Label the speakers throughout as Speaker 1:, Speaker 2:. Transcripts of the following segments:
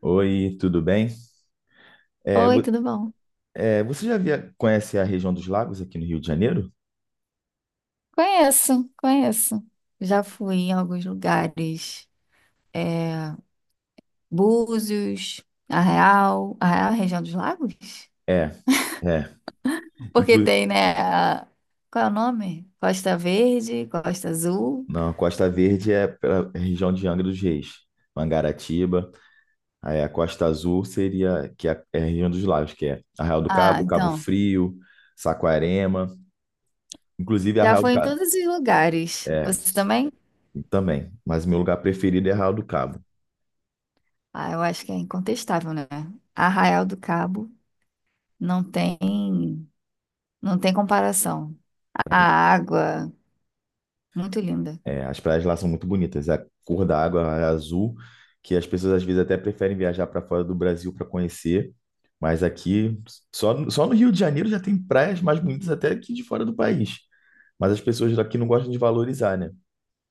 Speaker 1: Oi, tudo bem? É,
Speaker 2: Oi,
Speaker 1: vo-
Speaker 2: tudo bom?
Speaker 1: você já conhece a região dos lagos aqui no Rio de Janeiro?
Speaker 2: Conheço, conheço. Já fui em alguns lugares. É, Búzios, Arraial. Arraial é a região dos lagos?
Speaker 1: É, é.
Speaker 2: Porque
Speaker 1: Inclu
Speaker 2: tem, né? Qual é o nome? Costa Verde, Costa Azul.
Speaker 1: Não, a Costa Verde é pela região de Angra dos Reis, Mangaratiba. Aí a Costa Azul seria que é a região dos lagos, que é Arraial do
Speaker 2: Ah,
Speaker 1: Cabo, Cabo
Speaker 2: então.
Speaker 1: Frio, Saquarema. Inclusive
Speaker 2: Já
Speaker 1: Arraial do
Speaker 2: fui em
Speaker 1: Cabo.
Speaker 2: todos os lugares.
Speaker 1: É,
Speaker 2: Você também?
Speaker 1: também. Mas meu lugar preferido é Arraial do Cabo.
Speaker 2: Ah, eu acho que é incontestável, né? Arraial do Cabo não tem, não tem comparação. A água, muito linda.
Speaker 1: É, as praias lá são muito bonitas. A cor da água é azul, que as pessoas às vezes até preferem viajar para fora do Brasil para conhecer. Mas aqui, só no Rio de Janeiro já tem praias mais bonitas até que de fora do país. Mas as pessoas daqui não gostam de valorizar, né?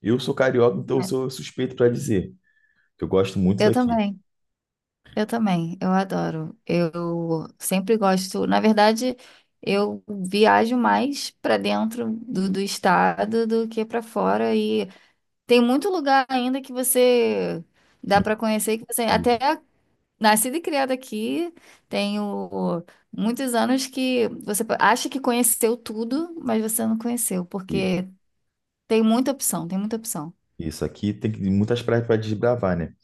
Speaker 1: Eu sou carioca, então eu
Speaker 2: É.
Speaker 1: sou suspeito para dizer que eu gosto muito
Speaker 2: Eu
Speaker 1: daqui.
Speaker 2: também. Eu também, eu adoro. Eu sempre gosto. Na verdade, eu viajo mais para dentro do estado do que para fora. E tem muito lugar ainda que você dá para conhecer, que você
Speaker 1: E,
Speaker 2: até nascida e criada aqui, tenho muitos anos que você acha que conheceu tudo, mas você não conheceu,
Speaker 1: e-
Speaker 2: porque tem muita opção, tem muita opção.
Speaker 1: isso aqui tem muitas praias para desbravar, né?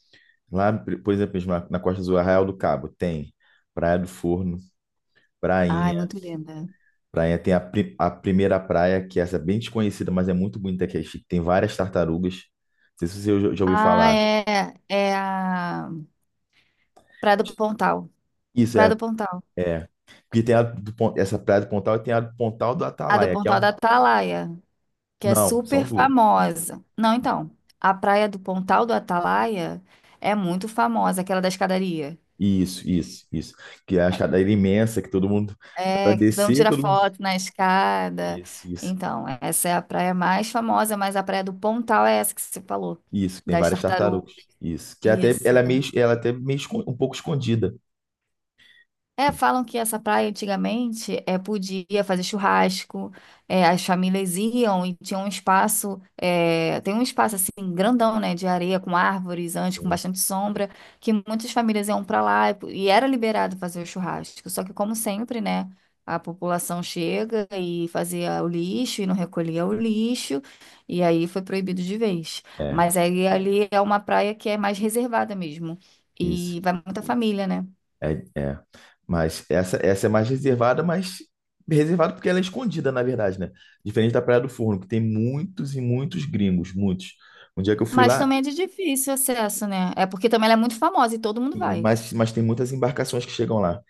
Speaker 1: Lá, por exemplo, na Costa do Arraial do Cabo, tem Praia do Forno, Prainha.
Speaker 2: Ai, muito linda.
Speaker 1: Praia tem a, a primeira praia, que essa é bem desconhecida, mas é muito bonita, que é chique. Tem várias tartarugas. Não sei se você já ouviu
Speaker 2: Ah,
Speaker 1: falar.
Speaker 2: é a Praia do Pontal.
Speaker 1: Isso
Speaker 2: Praia
Speaker 1: é,
Speaker 2: do Pontal.
Speaker 1: é. Porque tem a do, essa praia do Pontal e tem a do Pontal do
Speaker 2: A do
Speaker 1: Atalaia, que é
Speaker 2: Pontal
Speaker 1: um.
Speaker 2: da Atalaia, que é
Speaker 1: Não,
Speaker 2: super
Speaker 1: são duas.
Speaker 2: famosa. Não, então, a praia do Pontal do Atalaia é muito famosa, aquela da escadaria.
Speaker 1: Isso, isso, isso. Que é a escadaria imensa, que todo mundo. Para
Speaker 2: É, que não
Speaker 1: descer,
Speaker 2: tira
Speaker 1: todo mundo.
Speaker 2: foto na escada.
Speaker 1: Isso, isso.
Speaker 2: Então, essa é a praia mais famosa, mas a praia do Pontal é essa que você falou,
Speaker 1: Isso, tem
Speaker 2: das
Speaker 1: várias
Speaker 2: tartarugas.
Speaker 1: tartarugas. Isso. Que é até
Speaker 2: Isso.
Speaker 1: ela é meio, ela é até um pouco escondida.
Speaker 2: É, falam que essa praia antigamente podia fazer churrasco, as famílias iam e tinha um espaço, tem um espaço assim grandão, né, de areia com árvores antes, com
Speaker 1: Sim.
Speaker 2: bastante sombra, que muitas famílias iam para lá e era liberado fazer o churrasco. Só que como sempre, né, a população chega e fazia o lixo e não recolhia o lixo e aí foi proibido de vez.
Speaker 1: É,
Speaker 2: Mas aí ali é uma praia que é mais reservada mesmo
Speaker 1: isso.
Speaker 2: e vai muita família, né?
Speaker 1: É, é. Mas essa é mais reservada, mas reservada porque ela é escondida, na verdade, né? Diferente da Praia do Forno, que tem muitos e muitos gringos, muitos. Um dia que eu fui
Speaker 2: Mas
Speaker 1: lá,
Speaker 2: também é de difícil acesso, né? É porque também ela é muito famosa e todo mundo vai
Speaker 1: mas tem muitas embarcações que chegam lá.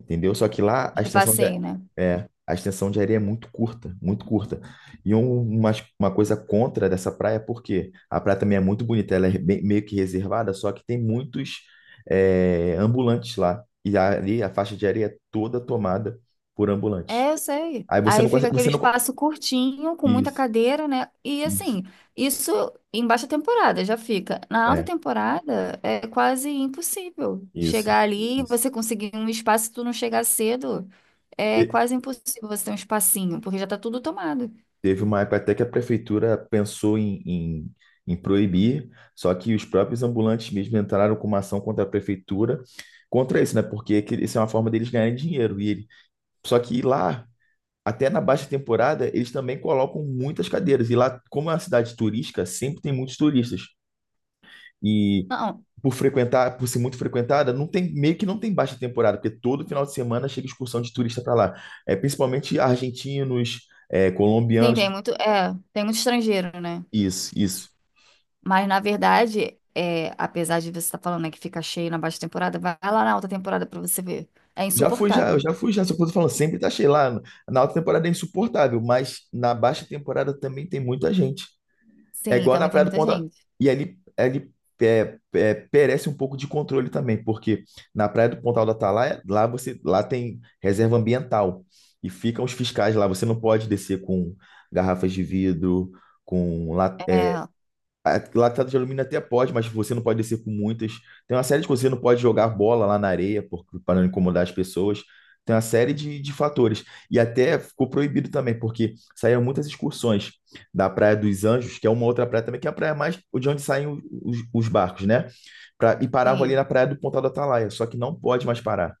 Speaker 1: Entendeu? Só que lá a
Speaker 2: de
Speaker 1: extensão de,
Speaker 2: passeio, né?
Speaker 1: é, a extensão de areia é muito curta, muito curta. E um- uma, uma coisa contra dessa praia, é porque a praia também é muito bonita, ela é meio que reservada, só que tem muitos é, ambulantes lá. E ali a faixa de areia é toda tomada por ambulantes.
Speaker 2: É, eu sei.
Speaker 1: Aí você
Speaker 2: Aí
Speaker 1: não
Speaker 2: fica
Speaker 1: consegue,
Speaker 2: aquele
Speaker 1: você não, co-
Speaker 2: espaço curtinho, com muita
Speaker 1: isso,
Speaker 2: cadeira, né? E
Speaker 1: isso,
Speaker 2: assim, isso em baixa temporada já fica. Na alta
Speaker 1: é,
Speaker 2: temporada é quase impossível
Speaker 1: isso,
Speaker 2: chegar ali,
Speaker 1: isso.
Speaker 2: você conseguir um espaço, se tu não chegar cedo, é quase impossível você ter um espacinho, porque já tá tudo tomado.
Speaker 1: Teve uma época até que a prefeitura pensou em proibir, só que os próprios ambulantes mesmo entraram com uma ação contra a prefeitura, contra isso, né? Porque isso é uma forma deles ganharem dinheiro. E ele... Só que lá, até na baixa temporada, eles também colocam muitas cadeiras. E lá, como é uma cidade turística, sempre tem muitos turistas. E
Speaker 2: Não,
Speaker 1: por frequentar, por ser muito frequentada, não tem, meio que não tem baixa temporada, porque todo final de semana chega excursão de turista para lá. É, principalmente argentinos, é,
Speaker 2: tem,
Speaker 1: colombianos,
Speaker 2: tem muito, é, tem muito estrangeiro, né?
Speaker 1: isso, isso.
Speaker 2: Mas, na verdade, apesar de você estar falando, né, que fica cheio na baixa temporada, vai lá na alta temporada pra você ver. É
Speaker 1: Já fui, já, eu
Speaker 2: insuportável.
Speaker 1: já fui, já. Só que eu tô falando, sempre tá cheio lá. Na alta temporada é insuportável, mas na baixa temporada também tem muita gente. É
Speaker 2: Sim,
Speaker 1: igual na
Speaker 2: também tem
Speaker 1: Praia do
Speaker 2: muita
Speaker 1: Ponta.
Speaker 2: gente.
Speaker 1: E ali, ali é, é, perece um pouco de controle também, porque na Praia do Pontal da Atalaia, lá você, lá tem reserva ambiental e ficam os fiscais lá. Você não pode descer com garrafas de vidro, com la-
Speaker 2: É,
Speaker 1: Latada de alumínio até pode, mas você não pode descer com muitas. Tem uma série de coisas, você não pode jogar bola lá na areia porque, para não incomodar as pessoas. Tem uma série de fatores. E até ficou proibido também, porque saíram muitas excursões da Praia dos Anjos, que é uma outra praia também, que é a praia mais de onde saem os barcos, né? E paravam ali
Speaker 2: sim.
Speaker 1: na Praia do Pontal do Atalaia. Só que não pode mais parar,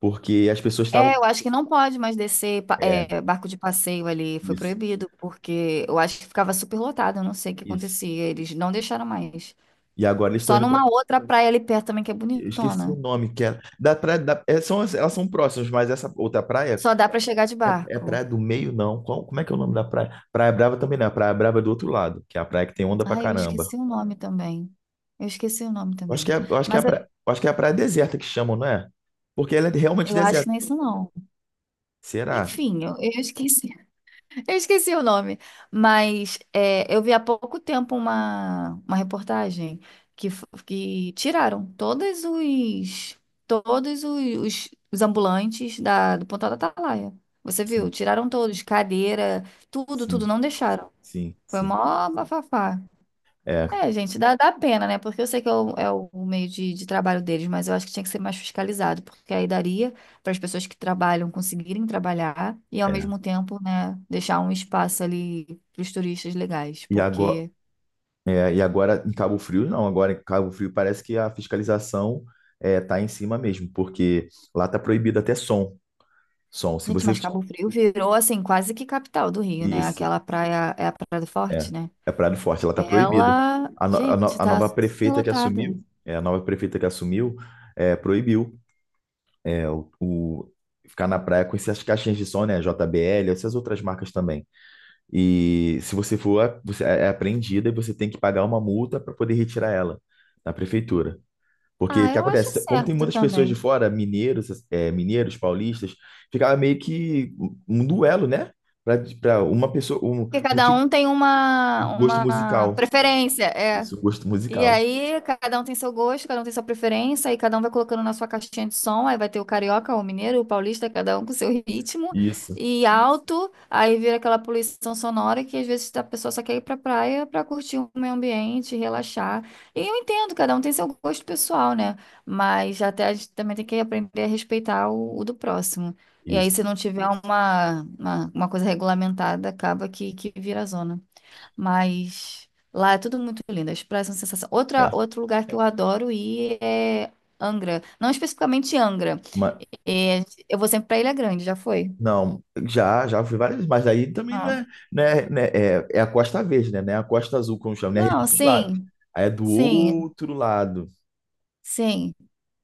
Speaker 1: porque as pessoas estavam.
Speaker 2: É, eu acho que não pode mais descer
Speaker 1: É,
Speaker 2: barco de passeio ali, foi
Speaker 1: isso,
Speaker 2: proibido, porque eu acho que ficava super lotado, eu não sei o que
Speaker 1: isso.
Speaker 2: acontecia, eles não deixaram mais.
Speaker 1: E agora eles estão
Speaker 2: Só
Speaker 1: indo para.
Speaker 2: numa outra praia ali perto também, que é
Speaker 1: Eu esqueci o
Speaker 2: bonitona.
Speaker 1: nome, que é. Da praia, da, é, são, elas são próximas, mas essa outra praia
Speaker 2: Só dá pra chegar de
Speaker 1: é, é Praia
Speaker 2: barco.
Speaker 1: do Meio, não. Como é que é o nome da praia? Praia Brava também não. é A Praia Brava é do outro lado, que é a praia que tem onda pra
Speaker 2: Ai, eu
Speaker 1: caramba.
Speaker 2: esqueci o nome também. Eu esqueci o nome
Speaker 1: Eu acho que
Speaker 2: também.
Speaker 1: é, eu acho que é a
Speaker 2: Mas eu,
Speaker 1: praia, eu acho que é a praia deserta que chamam, não é? Porque ela é realmente
Speaker 2: eu acho que
Speaker 1: deserta.
Speaker 2: não é isso não.
Speaker 1: Será?
Speaker 2: Enfim, eu esqueci, eu esqueci o nome, mas eu vi há pouco tempo uma, reportagem que tiraram todos os ambulantes da, do Pontal da Atalaia. Você viu?
Speaker 1: Sim,
Speaker 2: Tiraram todos, cadeira, tudo, tudo,
Speaker 1: sim,
Speaker 2: não deixaram.
Speaker 1: sim,
Speaker 2: Foi
Speaker 1: sim.
Speaker 2: mó bafafá.
Speaker 1: É,
Speaker 2: É, gente, dá pena, né? Porque eu sei que é o meio de trabalho deles, mas eu acho que tinha que ser mais fiscalizado, porque aí daria para as pessoas que trabalham conseguirem trabalhar e, ao
Speaker 1: é.
Speaker 2: mesmo tempo, né, deixar um espaço ali para os turistas legais.
Speaker 1: E agora,
Speaker 2: Porque,
Speaker 1: é, e agora em Cabo Frio, não. Agora em Cabo Frio parece que a fiscalização é, tá em cima mesmo, porque lá tá proibido até som. Som. Se
Speaker 2: gente,
Speaker 1: você.
Speaker 2: mas Cabo Frio virou, assim, quase que capital do Rio, né?
Speaker 1: Isso.
Speaker 2: Aquela praia, é a Praia do
Speaker 1: É,
Speaker 2: Forte, né?
Speaker 1: é Praia do Forte, ela está proibida.
Speaker 2: Ela,
Speaker 1: A, no- a no-
Speaker 2: gente,
Speaker 1: a
Speaker 2: tá
Speaker 1: nova
Speaker 2: super
Speaker 1: prefeita que
Speaker 2: lotada.
Speaker 1: assumiu, é, a nova prefeita que assumiu, é, proibiu é, ficar na praia com essas caixinhas de som, né, JBL, essas outras marcas também. E se você for, você é apreendida e você tem que pagar uma multa para poder retirar ela da prefeitura. Porque o
Speaker 2: Ah,
Speaker 1: que
Speaker 2: eu acho
Speaker 1: acontece? Como tem
Speaker 2: certo
Speaker 1: muitas pessoas de
Speaker 2: também.
Speaker 1: fora, mineiros, é, mineiros, paulistas, ficava meio que um duelo, né? Para uma pessoa, um,
Speaker 2: Porque
Speaker 1: um
Speaker 2: cada
Speaker 1: tipo
Speaker 2: um tem
Speaker 1: de
Speaker 2: uma,
Speaker 1: gosto
Speaker 2: uma
Speaker 1: musical.
Speaker 2: preferência, é.
Speaker 1: Isso, gosto
Speaker 2: E
Speaker 1: musical.
Speaker 2: aí, cada um tem seu gosto, cada um tem sua preferência, e cada um vai colocando na sua caixinha de som. Aí vai ter o carioca, o mineiro, o paulista, cada um com seu ritmo
Speaker 1: Isso,
Speaker 2: e alto. Aí vira aquela poluição sonora que às vezes a pessoa só quer ir pra praia pra curtir o meio ambiente, relaxar. E eu entendo, cada um tem seu gosto pessoal, né? Mas até a gente também tem que aprender a respeitar o do próximo. E aí,
Speaker 1: isso.
Speaker 2: se não tiver uma coisa regulamentada, acaba que vira zona. Mas lá é tudo muito lindo, as praias são sensação. Outra,
Speaker 1: É.
Speaker 2: outro lugar que eu adoro ir é Angra. Não especificamente Angra.
Speaker 1: Mas,
Speaker 2: É, eu vou sempre pra Ilha Grande, já foi?
Speaker 1: não, já, já fui várias vezes, mas aí também não
Speaker 2: Ah.
Speaker 1: é, não é, né, é, é a Costa Verde, né? Não é a Costa Azul, como chama, né? É a região
Speaker 2: Não,
Speaker 1: dos lagos.
Speaker 2: sim,
Speaker 1: Aí é do
Speaker 2: sim,
Speaker 1: outro lado.
Speaker 2: sim.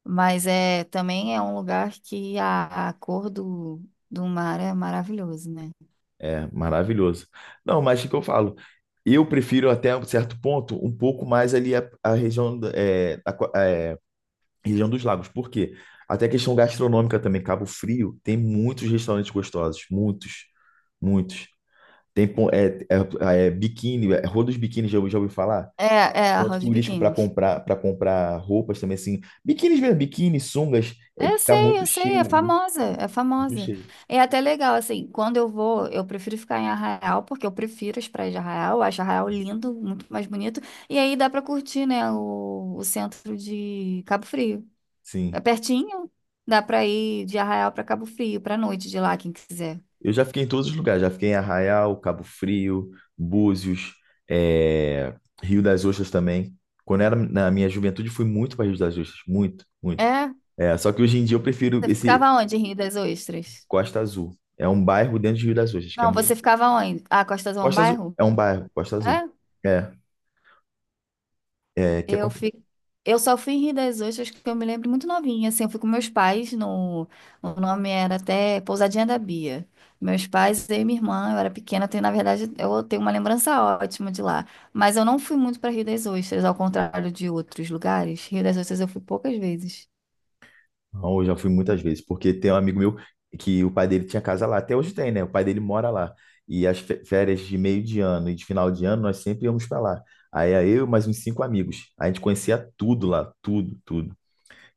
Speaker 2: Mas é também é um lugar que a cor do mar é maravilhoso, né?
Speaker 1: É, maravilhoso. Não, mas o que eu falo? Eu prefiro até um certo ponto um pouco mais ali a região, é, a, é, região dos lagos. Por quê? Até a questão gastronômica também. Cabo Frio tem muitos restaurantes gostosos. Muitos, muitos. Tem é, é, é, biquíni, é, Rua dos Biquínis, já, já ouvi falar?
Speaker 2: É a
Speaker 1: Ponto
Speaker 2: Roda de
Speaker 1: turístico
Speaker 2: Biquíni.
Speaker 1: para comprar roupas também, assim. Biquínis mesmo, biquíni, sungas, é, tá
Speaker 2: Eu
Speaker 1: muito
Speaker 2: sei,
Speaker 1: cheio,
Speaker 2: é
Speaker 1: muito,
Speaker 2: famosa,
Speaker 1: cheio,
Speaker 2: é
Speaker 1: muito
Speaker 2: famosa.
Speaker 1: cheio.
Speaker 2: É até legal, assim, quando eu vou, eu prefiro ficar em Arraial, porque eu prefiro as praias de Arraial, eu acho Arraial lindo, muito mais bonito, e aí dá pra curtir, né, o centro de Cabo Frio.
Speaker 1: Sim.
Speaker 2: É pertinho, dá pra ir de Arraial pra Cabo Frio, pra noite de lá, quem quiser.
Speaker 1: Eu já fiquei em todos os lugares, já fiquei em Arraial, Cabo Frio, Búzios, é, Rio das Ostras também. Quando eu era na minha juventude, fui muito para Rio das Ostras, muito, muito.
Speaker 2: É?
Speaker 1: É, só que hoje em dia eu prefiro
Speaker 2: Você
Speaker 1: esse
Speaker 2: ficava onde, em Rio das Ostras?
Speaker 1: Costa Azul. É um bairro dentro de Rio das Ostras, que é
Speaker 2: Não,
Speaker 1: muito.
Speaker 2: você ficava onde? Ah, Costa Azul é um
Speaker 1: Costa Azul
Speaker 2: bairro?
Speaker 1: é um bairro, Costa Azul.
Speaker 2: É?
Speaker 1: É. É que
Speaker 2: Eu
Speaker 1: acontece.
Speaker 2: fico... eu só fui em Rio das Ostras que eu me lembro muito novinha, assim, eu fui com meus pais no... O nome era até Pousadinha da Bia. Meus pais, eu e minha irmã, eu era pequena, eu tenho, na verdade, eu tenho uma lembrança ótima de lá. Mas eu não fui muito para Rio das Ostras, ao contrário de outros lugares. Rio das Ostras eu fui poucas vezes.
Speaker 1: Não, eu já fui muitas vezes, porque tem um amigo meu que o pai dele tinha casa lá, até hoje tem, né? O pai dele mora lá. E as férias de meio de ano e de final de ano, nós sempre íamos para lá. Aí era eu e mais uns cinco amigos. A gente conhecia tudo lá, tudo, tudo.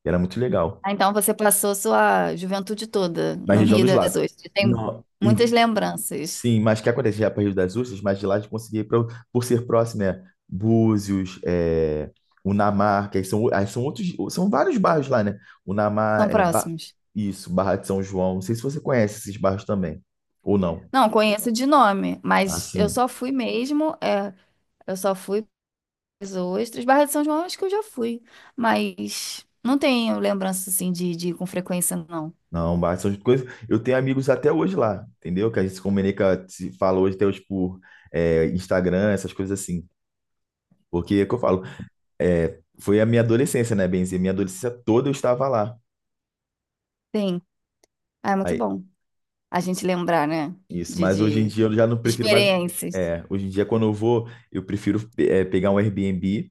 Speaker 1: E era muito legal.
Speaker 2: Ah, então você passou sua juventude toda
Speaker 1: Na
Speaker 2: no
Speaker 1: região
Speaker 2: Rio
Speaker 1: dos
Speaker 2: das
Speaker 1: lagos.
Speaker 2: Ostras. Tem
Speaker 1: Não,
Speaker 2: muitas lembranças.
Speaker 1: sim, mas o que acontece? Já para Rio das Ostras, mas de lá a gente conseguia ir pra, por ser próximo, né? Búzios, é, Unamar, que aí são outros, são vários bairros lá, né?
Speaker 2: São
Speaker 1: Unamar, é,
Speaker 2: próximos.
Speaker 1: isso, Barra de São João. Não sei se você conhece esses bairros também, ou não.
Speaker 2: Não, conheço de nome, mas eu
Speaker 1: Assim,
Speaker 2: só fui mesmo, é, eu só fui Ostras, Barra de São João acho que eu já fui, mas não tenho lembrança assim de ir com frequência, não.
Speaker 1: não, Barra de São João. Eu tenho amigos até hoje lá, entendeu? Que a gente se comunica, se fala hoje até hoje por é, Instagram, essas coisas assim. Porque é o que eu falo, é, foi a minha adolescência, né, Benzi? Minha adolescência toda eu estava lá.
Speaker 2: Sim, ah, é muito bom a gente lembrar, né?
Speaker 1: Isso,
Speaker 2: De,
Speaker 1: mas hoje em
Speaker 2: de
Speaker 1: dia eu já não prefiro mais.
Speaker 2: experiências.
Speaker 1: É, hoje em dia, quando eu vou, eu prefiro é, pegar um Airbnb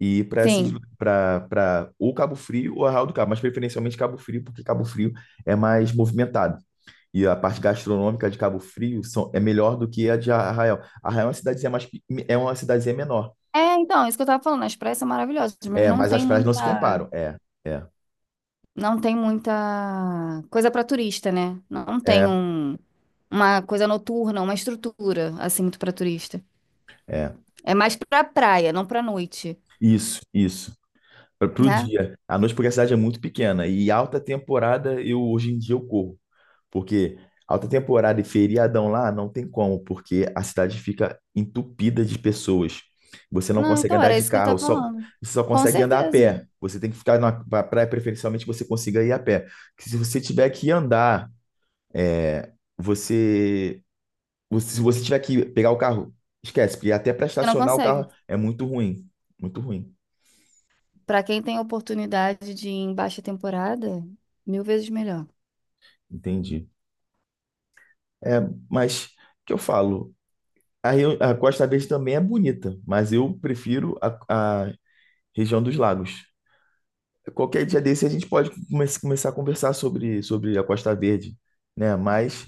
Speaker 1: e ir para esses
Speaker 2: Sim.
Speaker 1: para ou Cabo Frio ou Arraial do Cabo, mas preferencialmente Cabo Frio, porque Cabo Frio é mais movimentado. E a parte gastronômica de Cabo Frio são, é melhor do que a de Arraial. Arraial é uma cidadezinha mais, é uma cidadezinha menor.
Speaker 2: É, então, isso que eu tava falando, as praias são maravilhosas, mas
Speaker 1: É,
Speaker 2: não
Speaker 1: mas as
Speaker 2: tem
Speaker 1: praias não se
Speaker 2: muita,
Speaker 1: comparam. É, é,
Speaker 2: não tem muita coisa para turista, né? Não tem
Speaker 1: é,
Speaker 2: um, uma coisa noturna, uma estrutura assim muito para turista.
Speaker 1: é.
Speaker 2: É mais para praia, não para noite,
Speaker 1: Isso, isso. Para o
Speaker 2: né?
Speaker 1: dia. À noite, porque a cidade é muito pequena. E alta temporada, eu hoje em dia eu corro. Porque alta temporada e feriadão lá não tem como, porque a cidade fica entupida de pessoas. Você não
Speaker 2: Não,
Speaker 1: consegue
Speaker 2: então
Speaker 1: andar
Speaker 2: era
Speaker 1: de
Speaker 2: isso que eu
Speaker 1: carro,
Speaker 2: tava
Speaker 1: só,
Speaker 2: falando.
Speaker 1: você só
Speaker 2: Com
Speaker 1: consegue andar a
Speaker 2: certeza.
Speaker 1: pé. Você tem que ficar na praia, preferencialmente que você consiga ir a pé. Porque se você tiver que andar, é, se você tiver que pegar o carro, esquece, porque até para
Speaker 2: Você não
Speaker 1: estacionar o
Speaker 2: consegue.
Speaker 1: carro é muito ruim. Muito ruim.
Speaker 2: Pra quem tem oportunidade de ir em baixa temporada, mil vezes melhor.
Speaker 1: Entendi. É, mas o que eu falo? A, a Costa Verde também é bonita, mas eu prefiro a região dos lagos. Qualquer dia desse a gente pode começar a conversar sobre, sobre a Costa Verde, né? Mas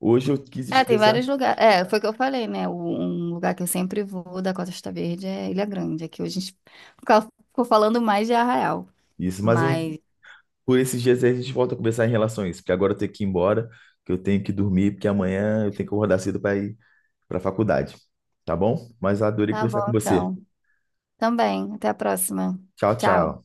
Speaker 1: hoje eu quis
Speaker 2: É, tem
Speaker 1: expressar
Speaker 2: vários lugares. É, foi o que eu falei, né? Um lugar que eu sempre vou da Costa Verde é Ilha Grande. Aqui hoje a gente fica- ficou falando mais de Arraial.
Speaker 1: isso. Mas um,
Speaker 2: Mas
Speaker 1: por esses dias aí a gente volta a conversar em relação a isso, porque agora eu tenho que ir embora, que eu tenho que dormir, porque amanhã eu tenho que acordar cedo para ir para a faculdade. Tá bom? Mas adorei
Speaker 2: tá bom,
Speaker 1: conversar com você.
Speaker 2: então. Também. Até a próxima.
Speaker 1: Tchau,
Speaker 2: Tchau.
Speaker 1: tchau.